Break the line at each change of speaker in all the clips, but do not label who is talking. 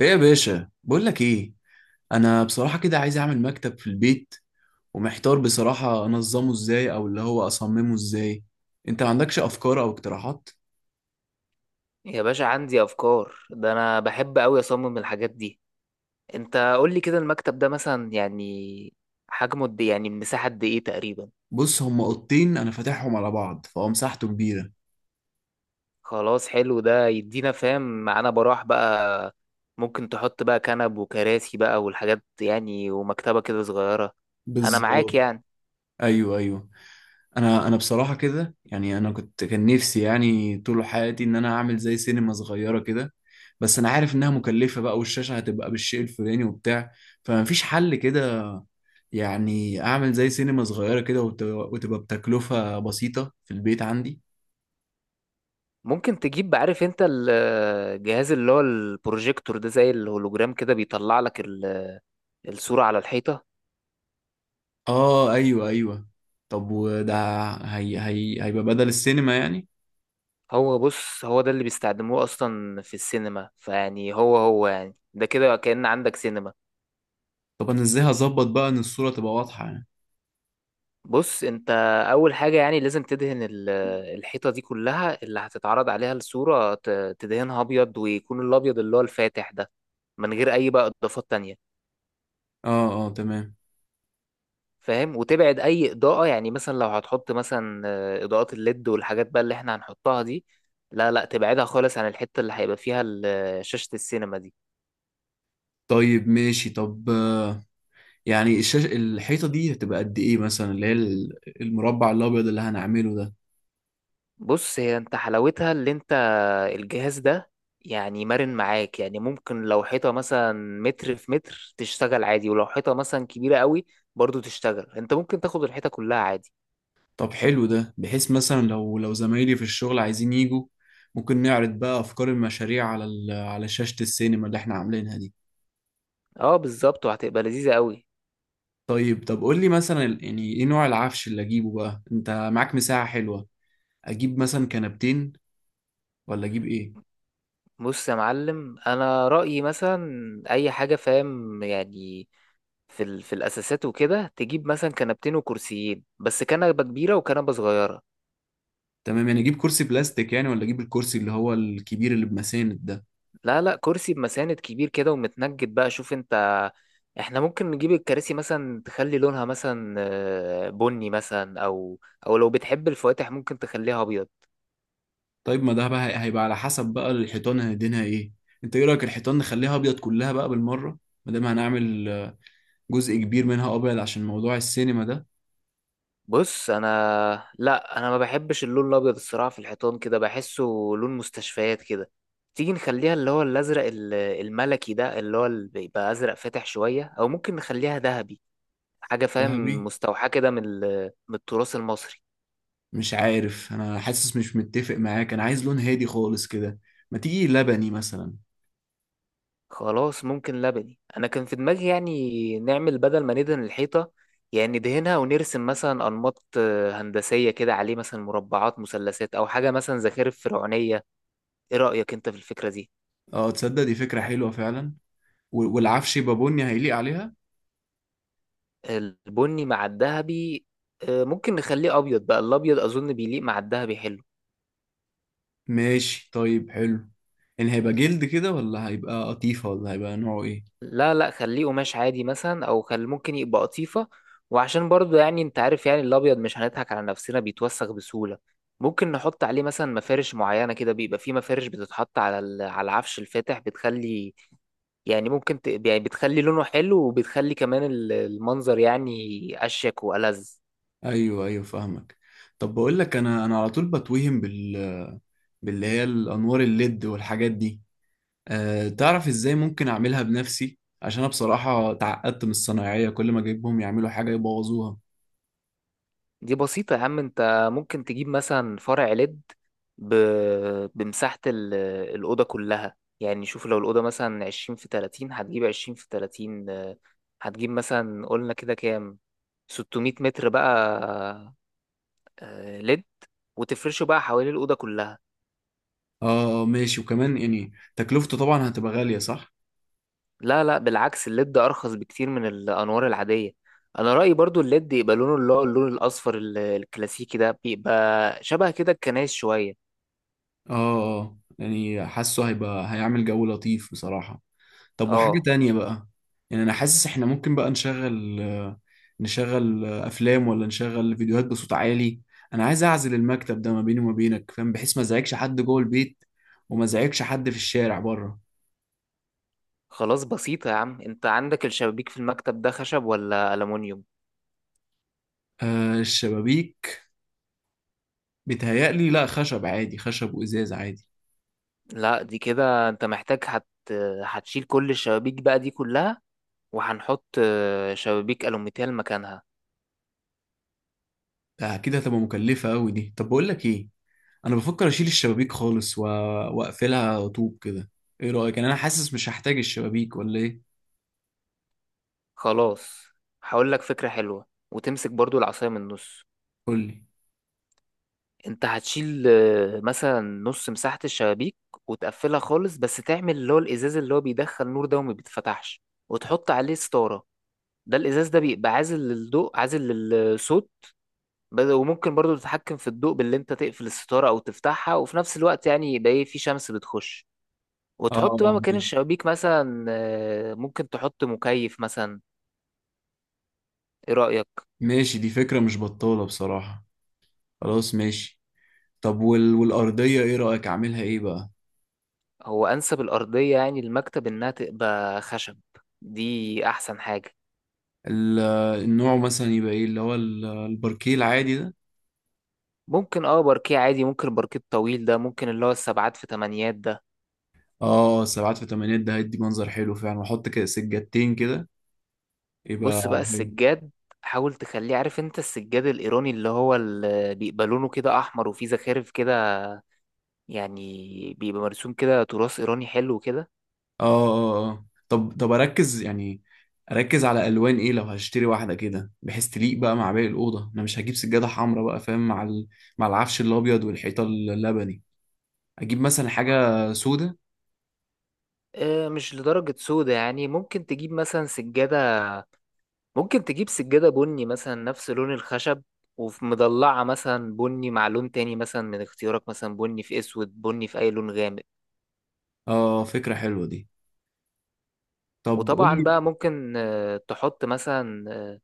ايه يا باشا، بقول لك ايه. انا بصراحه كده عايز اعمل مكتب في البيت، ومحتار بصراحه انظمه ازاي او اللي هو اصممه ازاي. انت ما عندكش افكار او اقتراحات؟
يا باشا عندي افكار، ده انا بحب قوي اصمم الحاجات دي. انت قول لي كده، المكتب ده مثلا يعني حجمه قد إيه؟ يعني المساحه قد ايه تقريبا؟
بص هما اوضتين انا فاتحهم على بعض، فهو مساحته كبيره.
خلاص حلو، ده يدينا فاهم معانا براح بقى. ممكن تحط بقى كنب وكراسي بقى والحاجات يعني ومكتبه كده صغيره. انا معاك
بالظبط.
يعني.
ايوه ايوه. انا بصراحه كده يعني، انا كنت كان نفسي يعني طول حياتي ان انا اعمل زي سينما صغيره كده. بس انا عارف انها مكلفه بقى، والشاشه هتبقى بالشيء الفلاني وبتاع، فمفيش حل كده؟ يعني اعمل زي سينما صغيره كده وتبقى بتكلفه بسيطه في البيت عندي.
ممكن تجيب عارف انت الجهاز اللي هو البروجيكتور ده؟ زي الهولوجرام كده بيطلع لك الصوره على الحيطه.
اه ايوه ايوه. طب وده هي هيبقى بدل السينما يعني؟
هو بص، هو ده اللي بيستخدموه اصلا في السينما، فيعني هو هو يعني ده كده كأن عندك سينما.
طب انا ازاي هظبط بقى ان الصوره تبقى واضحه يعني؟
بص انت، اول حاجة يعني لازم تدهن الحيطة دي كلها اللي هتتعرض عليها الصورة، تدهنها ابيض، ويكون الابيض اللي هو الفاتح ده، من غير اي بقى اضافات تانية،
اه اه تمام.
فاهم؟ وتبعد اي اضاءة. يعني مثلا لو هتحط مثلا اضاءات الليد والحاجات بقى اللي احنا هنحطها دي، لا لا تبعدها خالص عن الحتة اللي هيبقى فيها شاشة السينما دي.
طيب ماشي. طب يعني الحيطة دي هتبقى قد إيه مثلا؟ اللي هي المربع الأبيض اللي هنعمله ده.
بص هي انت حلاوتها اللي انت، الجهاز ده، يعني مرن معاك. يعني ممكن لو حيطة مثلا متر في متر تشتغل عادي، ولو حيطة مثلا كبيرة قوي برضو تشتغل. انت ممكن تاخد الحيطة كلها عادي.
طب حلو ده، بحيث مثلا لو زمايلي في الشغل عايزين يجوا، ممكن نعرض بقى أفكار المشاريع على شاشة السينما اللي إحنا عاملينها دي.
اه بالظبط، وهتبقى لذيذة قوي.
طيب طب، قول لي مثلا يعني إيه نوع العفش اللي أجيبه بقى؟ أنت معاك مساحة حلوة. أجيب مثلا كنبتين ولا أجيب إيه؟
بص يا معلم، انا رأيي مثلا اي حاجة فاهم يعني، في في الاساسات وكده، تجيب مثلا كنبتين وكرسيين، بس كنبة كبيرة وكنبة صغيرة.
تمام. يعني أجيب كرسي بلاستيك يعني، ولا أجيب الكرسي اللي هو الكبير اللي بمساند ده؟
لا لا، كرسي بمساند كبير كده ومتنجد بقى. شوف انت، احنا ممكن نجيب الكراسي مثلا، تخلي لونها مثلا بني مثلا، او لو بتحب الفواتح ممكن تخليها ابيض.
طيب ما ده بقى هيبقى على حسب بقى الحيطان هندينها ايه. انت ايه رايك الحيطان نخليها ابيض كلها بقى بالمره؟ ما دام هنعمل جزء كبير منها ابيض عشان موضوع السينما ده.
بص انا، لا انا ما بحبش اللون الابيض الصراحه في الحيطان، كده بحسه لون مستشفيات كده. تيجي نخليها اللي هو الازرق الملكي ده، اللي هو اللي بيبقى ازرق فاتح شويه، او ممكن نخليها ذهبي، حاجه فاهم
ذهبي؟
مستوحاه كده من التراث المصري.
مش عارف، انا حاسس مش متفق معاك. انا عايز لون هادي خالص كده. ما تيجي لبني مثلا.
خلاص، ممكن لبني. انا كان في دماغي يعني نعمل، بدل ما ندهن الحيطه يعني ندهنها، ونرسم مثلا انماط هندسيه كده عليه، مثلا مربعات مثلثات، او حاجه مثلا زخارف فرعونيه. ايه رايك انت في الفكره دي؟
اه تصدق دي فكره حلوه فعلا. والعفش يبقى بني هيليق عليها.
البني مع الذهبي ممكن نخليه ابيض بقى، الابيض اظن بيليق مع الذهبي حلو.
ماشي طيب حلو. يعني هيبقى جلد كده، ولا هيبقى قطيفه، ولا هيبقى نوعه ايه؟
لا لا، خليه قماش عادي مثلا، او خل ممكن يبقى قطيفة. وعشان برضو يعني انت عارف يعني الابيض، مش هنضحك على نفسنا، بيتوسخ بسهولة. ممكن نحط عليه مثلا مفارش معينة كده، بيبقى فيه مفارش بتتحط على على العفش الفاتح، بتخلي يعني ممكن يعني بتخلي لونه حلو، وبتخلي كمان المنظر يعني اشيك والذ.
ايوه ايوه فاهمك. طب بقول لك، انا على طول بتوهم باللي هي الانوار الليد والحاجات دي. أه تعرف ازاي ممكن اعملها بنفسي؟ عشان انا بصراحه اتعقدت من الصنايعيه، كل ما اجيبهم يعملوا حاجه يبوظوها.
دي بسيطة يا عم، انت ممكن تجيب مثلا فرع ليد، ب... بمساحة الأوضة كلها. يعني شوف لو الأوضة مثلا 20 في 30، هتجيب 20 في 30 هتجيب مثلا، قلنا كده كام، 600 متر بقى ليد، وتفرشه بقى حوالين الأوضة كلها.
اه ماشي. وكمان يعني تكلفته طبعا هتبقى غاليه صح؟
لا لا بالعكس، الليد أرخص بكتير من الأنوار العادية. أنا رأيي برضو الليد يبقى لونه اللي هو اللون الأصفر الكلاسيكي ده، بيبقى شبه كده الكنايس شوية.
اه يعني حاسه هيبقى هيعمل جو لطيف بصراحه. طب وحاجة
اه
تانية بقى. يعني أنا حاسس إحنا ممكن بقى نشغل أفلام، ولا نشغل فيديوهات بصوت عالي. أنا عايز أعزل المكتب ده ما بيني وما بينك، فاهم، بحيث ما أزعجش حد جوه البيت، وما أزعجش حد في الشارع بره.
خلاص بسيطة يا عم، انت عندك الشبابيك في المكتب ده خشب ولا ألمونيوم؟
آه الشبابيك. بيتهيألي لا، خشب عادي، خشب وإزاز عادي.
لا دي كده انت محتاج هتشيل كل الشبابيك بقى دي كلها، وهنحط شبابيك ألوميتال مكانها.
آه أكيد هتبقى مكلفة أوي دي. طب بقول لك إيه، أنا بفكر أشيل الشبابيك خالص وأقفلها طوب كده. إيه رأيك؟ يعني أنا حاسس مش هحتاج الشبابيك ولا إيه.
خلاص، هقول لك فكرة حلوة وتمسك برضو العصاية من النص.
قول لي.
انت هتشيل مثلا نص مساحة الشبابيك وتقفلها خالص، بس تعمل اللي هو الإزاز اللي هو بيدخل نور ده وما بيتفتحش، وتحط عليه ستارة. ده الإزاز ده بيبقى عازل للضوء عازل للصوت. وممكن برضو تتحكم في الضوء باللي انت تقفل الستارة او تفتحها، وفي نفس الوقت يعني يبقى ايه، في شمس بتخش.
آه
وتحط بقى مكان
ماشي.
الشبابيك مثلا ممكن تحط مكيف مثلا. ايه رأيك؟
ماشي دي فكرة مش بطالة بصراحة. خلاص ماشي. طب والأرضية ايه رأيك أعملها ايه بقى؟
هو انسب الارضية يعني المكتب انها تبقى خشب، دي احسن حاجة.
ال... النوع مثلا يبقى ايه؟ اللي هو الباركيه العادي ده.
ممكن اه باركيه عادي، ممكن الباركيه الطويل ده، ممكن اللي هو السبعات في تمانيات ده.
اه سبعات في تمانيات ده هيدي منظر حلو فعلا. واحط كده سجادتين كده يبقى
بص بقى
حلو.
السجاد، حاول تخليه عارف انت السجاد الايراني، اللي هو اللي بيبقى لونه كده احمر وفيه زخارف كده، يعني بيبقى مرسوم كده تراث إيراني حلو كده.
اه اه اه. طب طب اركز يعني، اركز على الوان ايه لو هشتري واحدة كده، بحيث تليق بقى مع باقي الأوضة. انا مش هجيب سجادة حمراء بقى فاهم مع العفش الأبيض والحيطة اللبني. اجيب مثلا حاجة سودة؟
مش لدرجة سودا يعني، ممكن تجيب مثلا سجادة، ممكن تجيب سجادة بني مثلا نفس لون الخشب، وفي مضلعة مثلا بني مع لون تاني مثلا من اختيارك، مثلا بني في أسود، بني في أي لون غامق.
اه فكرة حلوة دي. طب قول
وطبعا
لي،
بقى ممكن تحط مثلا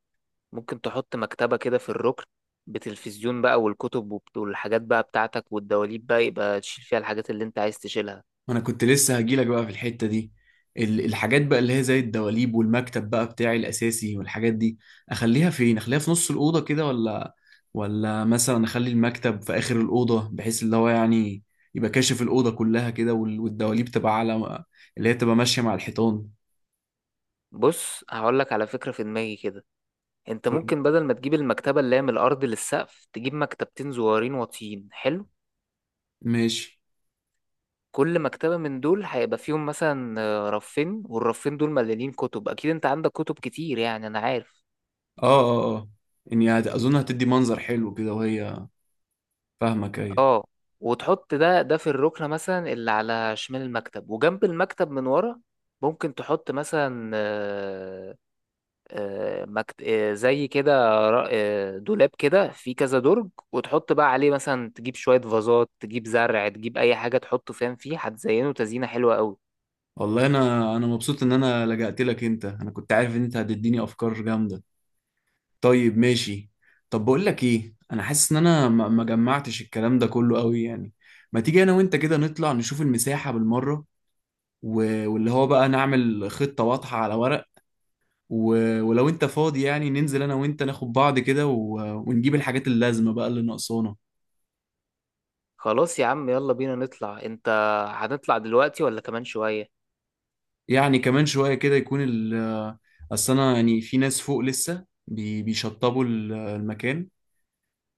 ممكن تحط مكتبة كده في الركن، بتلفزيون بقى والكتب والحاجات بقى بتاعتك والدواليب بقى، يبقى تشيل فيها الحاجات اللي انت عايز تشيلها.
انا كنت لسه هجيلك بقى في الحتة دي. الحاجات بقى اللي هي زي الدواليب والمكتب بقى بتاعي الاساسي والحاجات دي، اخليها فين؟ اخليها في نص الأوضة كده، ولا مثلا اخلي المكتب في آخر الأوضة، بحيث اللي هو يعني يبقى كاشف الأوضة كلها كده، والدواليب تبقى على اللي هي تبقى ماشية مع الحيطان.
بص هقولك على فكرة في دماغي كده، انت
قول.
ممكن بدل ما تجيب المكتبة اللي هي من الأرض للسقف، تجيب مكتبتين صغيرين واطيين حلو.
ماشي.
كل مكتبة من دول هيبقى فيهم مثلا رفين، والرفين دول مليانين كتب، أكيد انت عندك كتب كتير يعني أنا عارف.
اه اه اه، يعني اظن هتدي منظر حلو كده وهي. فاهمك ايوه.
اه، وتحط ده في الركنة مثلا اللي على شمال المكتب، وجنب المكتب من ورا ممكن تحط مثلا آه، آه، مكت... آه، زي كده، دولاب كده فيه كذا درج، وتحط بقى عليه مثلا، تجيب شوية فازات، تجيب زرع، تجيب أي حاجة تحطه فاهم فيه، هتزينه تزيينة حلوة قوي.
والله انا مبسوط ان انا لجأت لك انت. انا كنت عارف ان انت هتديني افكار جامدة. طيب ماشي. طب بقول لك ايه، انا حاسس ان انا ما جمعتش الكلام ده كله قوي يعني. ما تيجي انا وانت كده نطلع نشوف المساحة بالمرة، واللي هو بقى نعمل خطة واضحة على ورق. ولو انت فاضي يعني، ننزل انا وانت ناخد بعض كده ونجيب الحاجات اللازمة بقى اللي ناقصانا.
خلاص يا عم، يلا بينا نطلع. أنت، هنطلع دلوقتي ولا كمان شوية؟
يعني كمان شوية كده يكون ال، اصل انا يعني في ناس فوق لسه بيشطبوا المكان،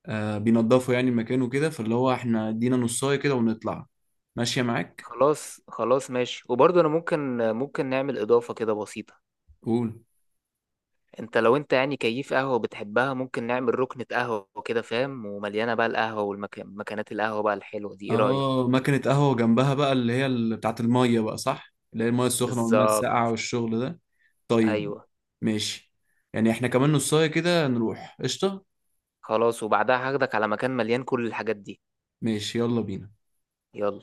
بينضفوا يعني المكان وكده، فاللي هو احنا ادينا نصاية كده ونطلع. ماشية معاك.
خلاص خلاص ماشي. وبرضه أنا ممكن نعمل إضافة كده بسيطة.
قول.
أنت يعني كيف قهوة بتحبها، ممكن نعمل ركنة قهوة كده فاهم، ومليانة بقى القهوة والمكانات القهوة بقى الحلوة دي، إيه رأيك؟
اه مكنة قهوة جنبها بقى اللي هي بتاعت المية بقى صح، اللي هي المية السخنة والمية
بالظبط.
الساقعة والشغل ده. طيب
أيوه.
ماشي. يعني احنا كمان نصاية كده نروح قشطة.
خلاص، وبعدها هاخدك على مكان مليان كل الحاجات دي.
ماشي يلا بينا.
يلا.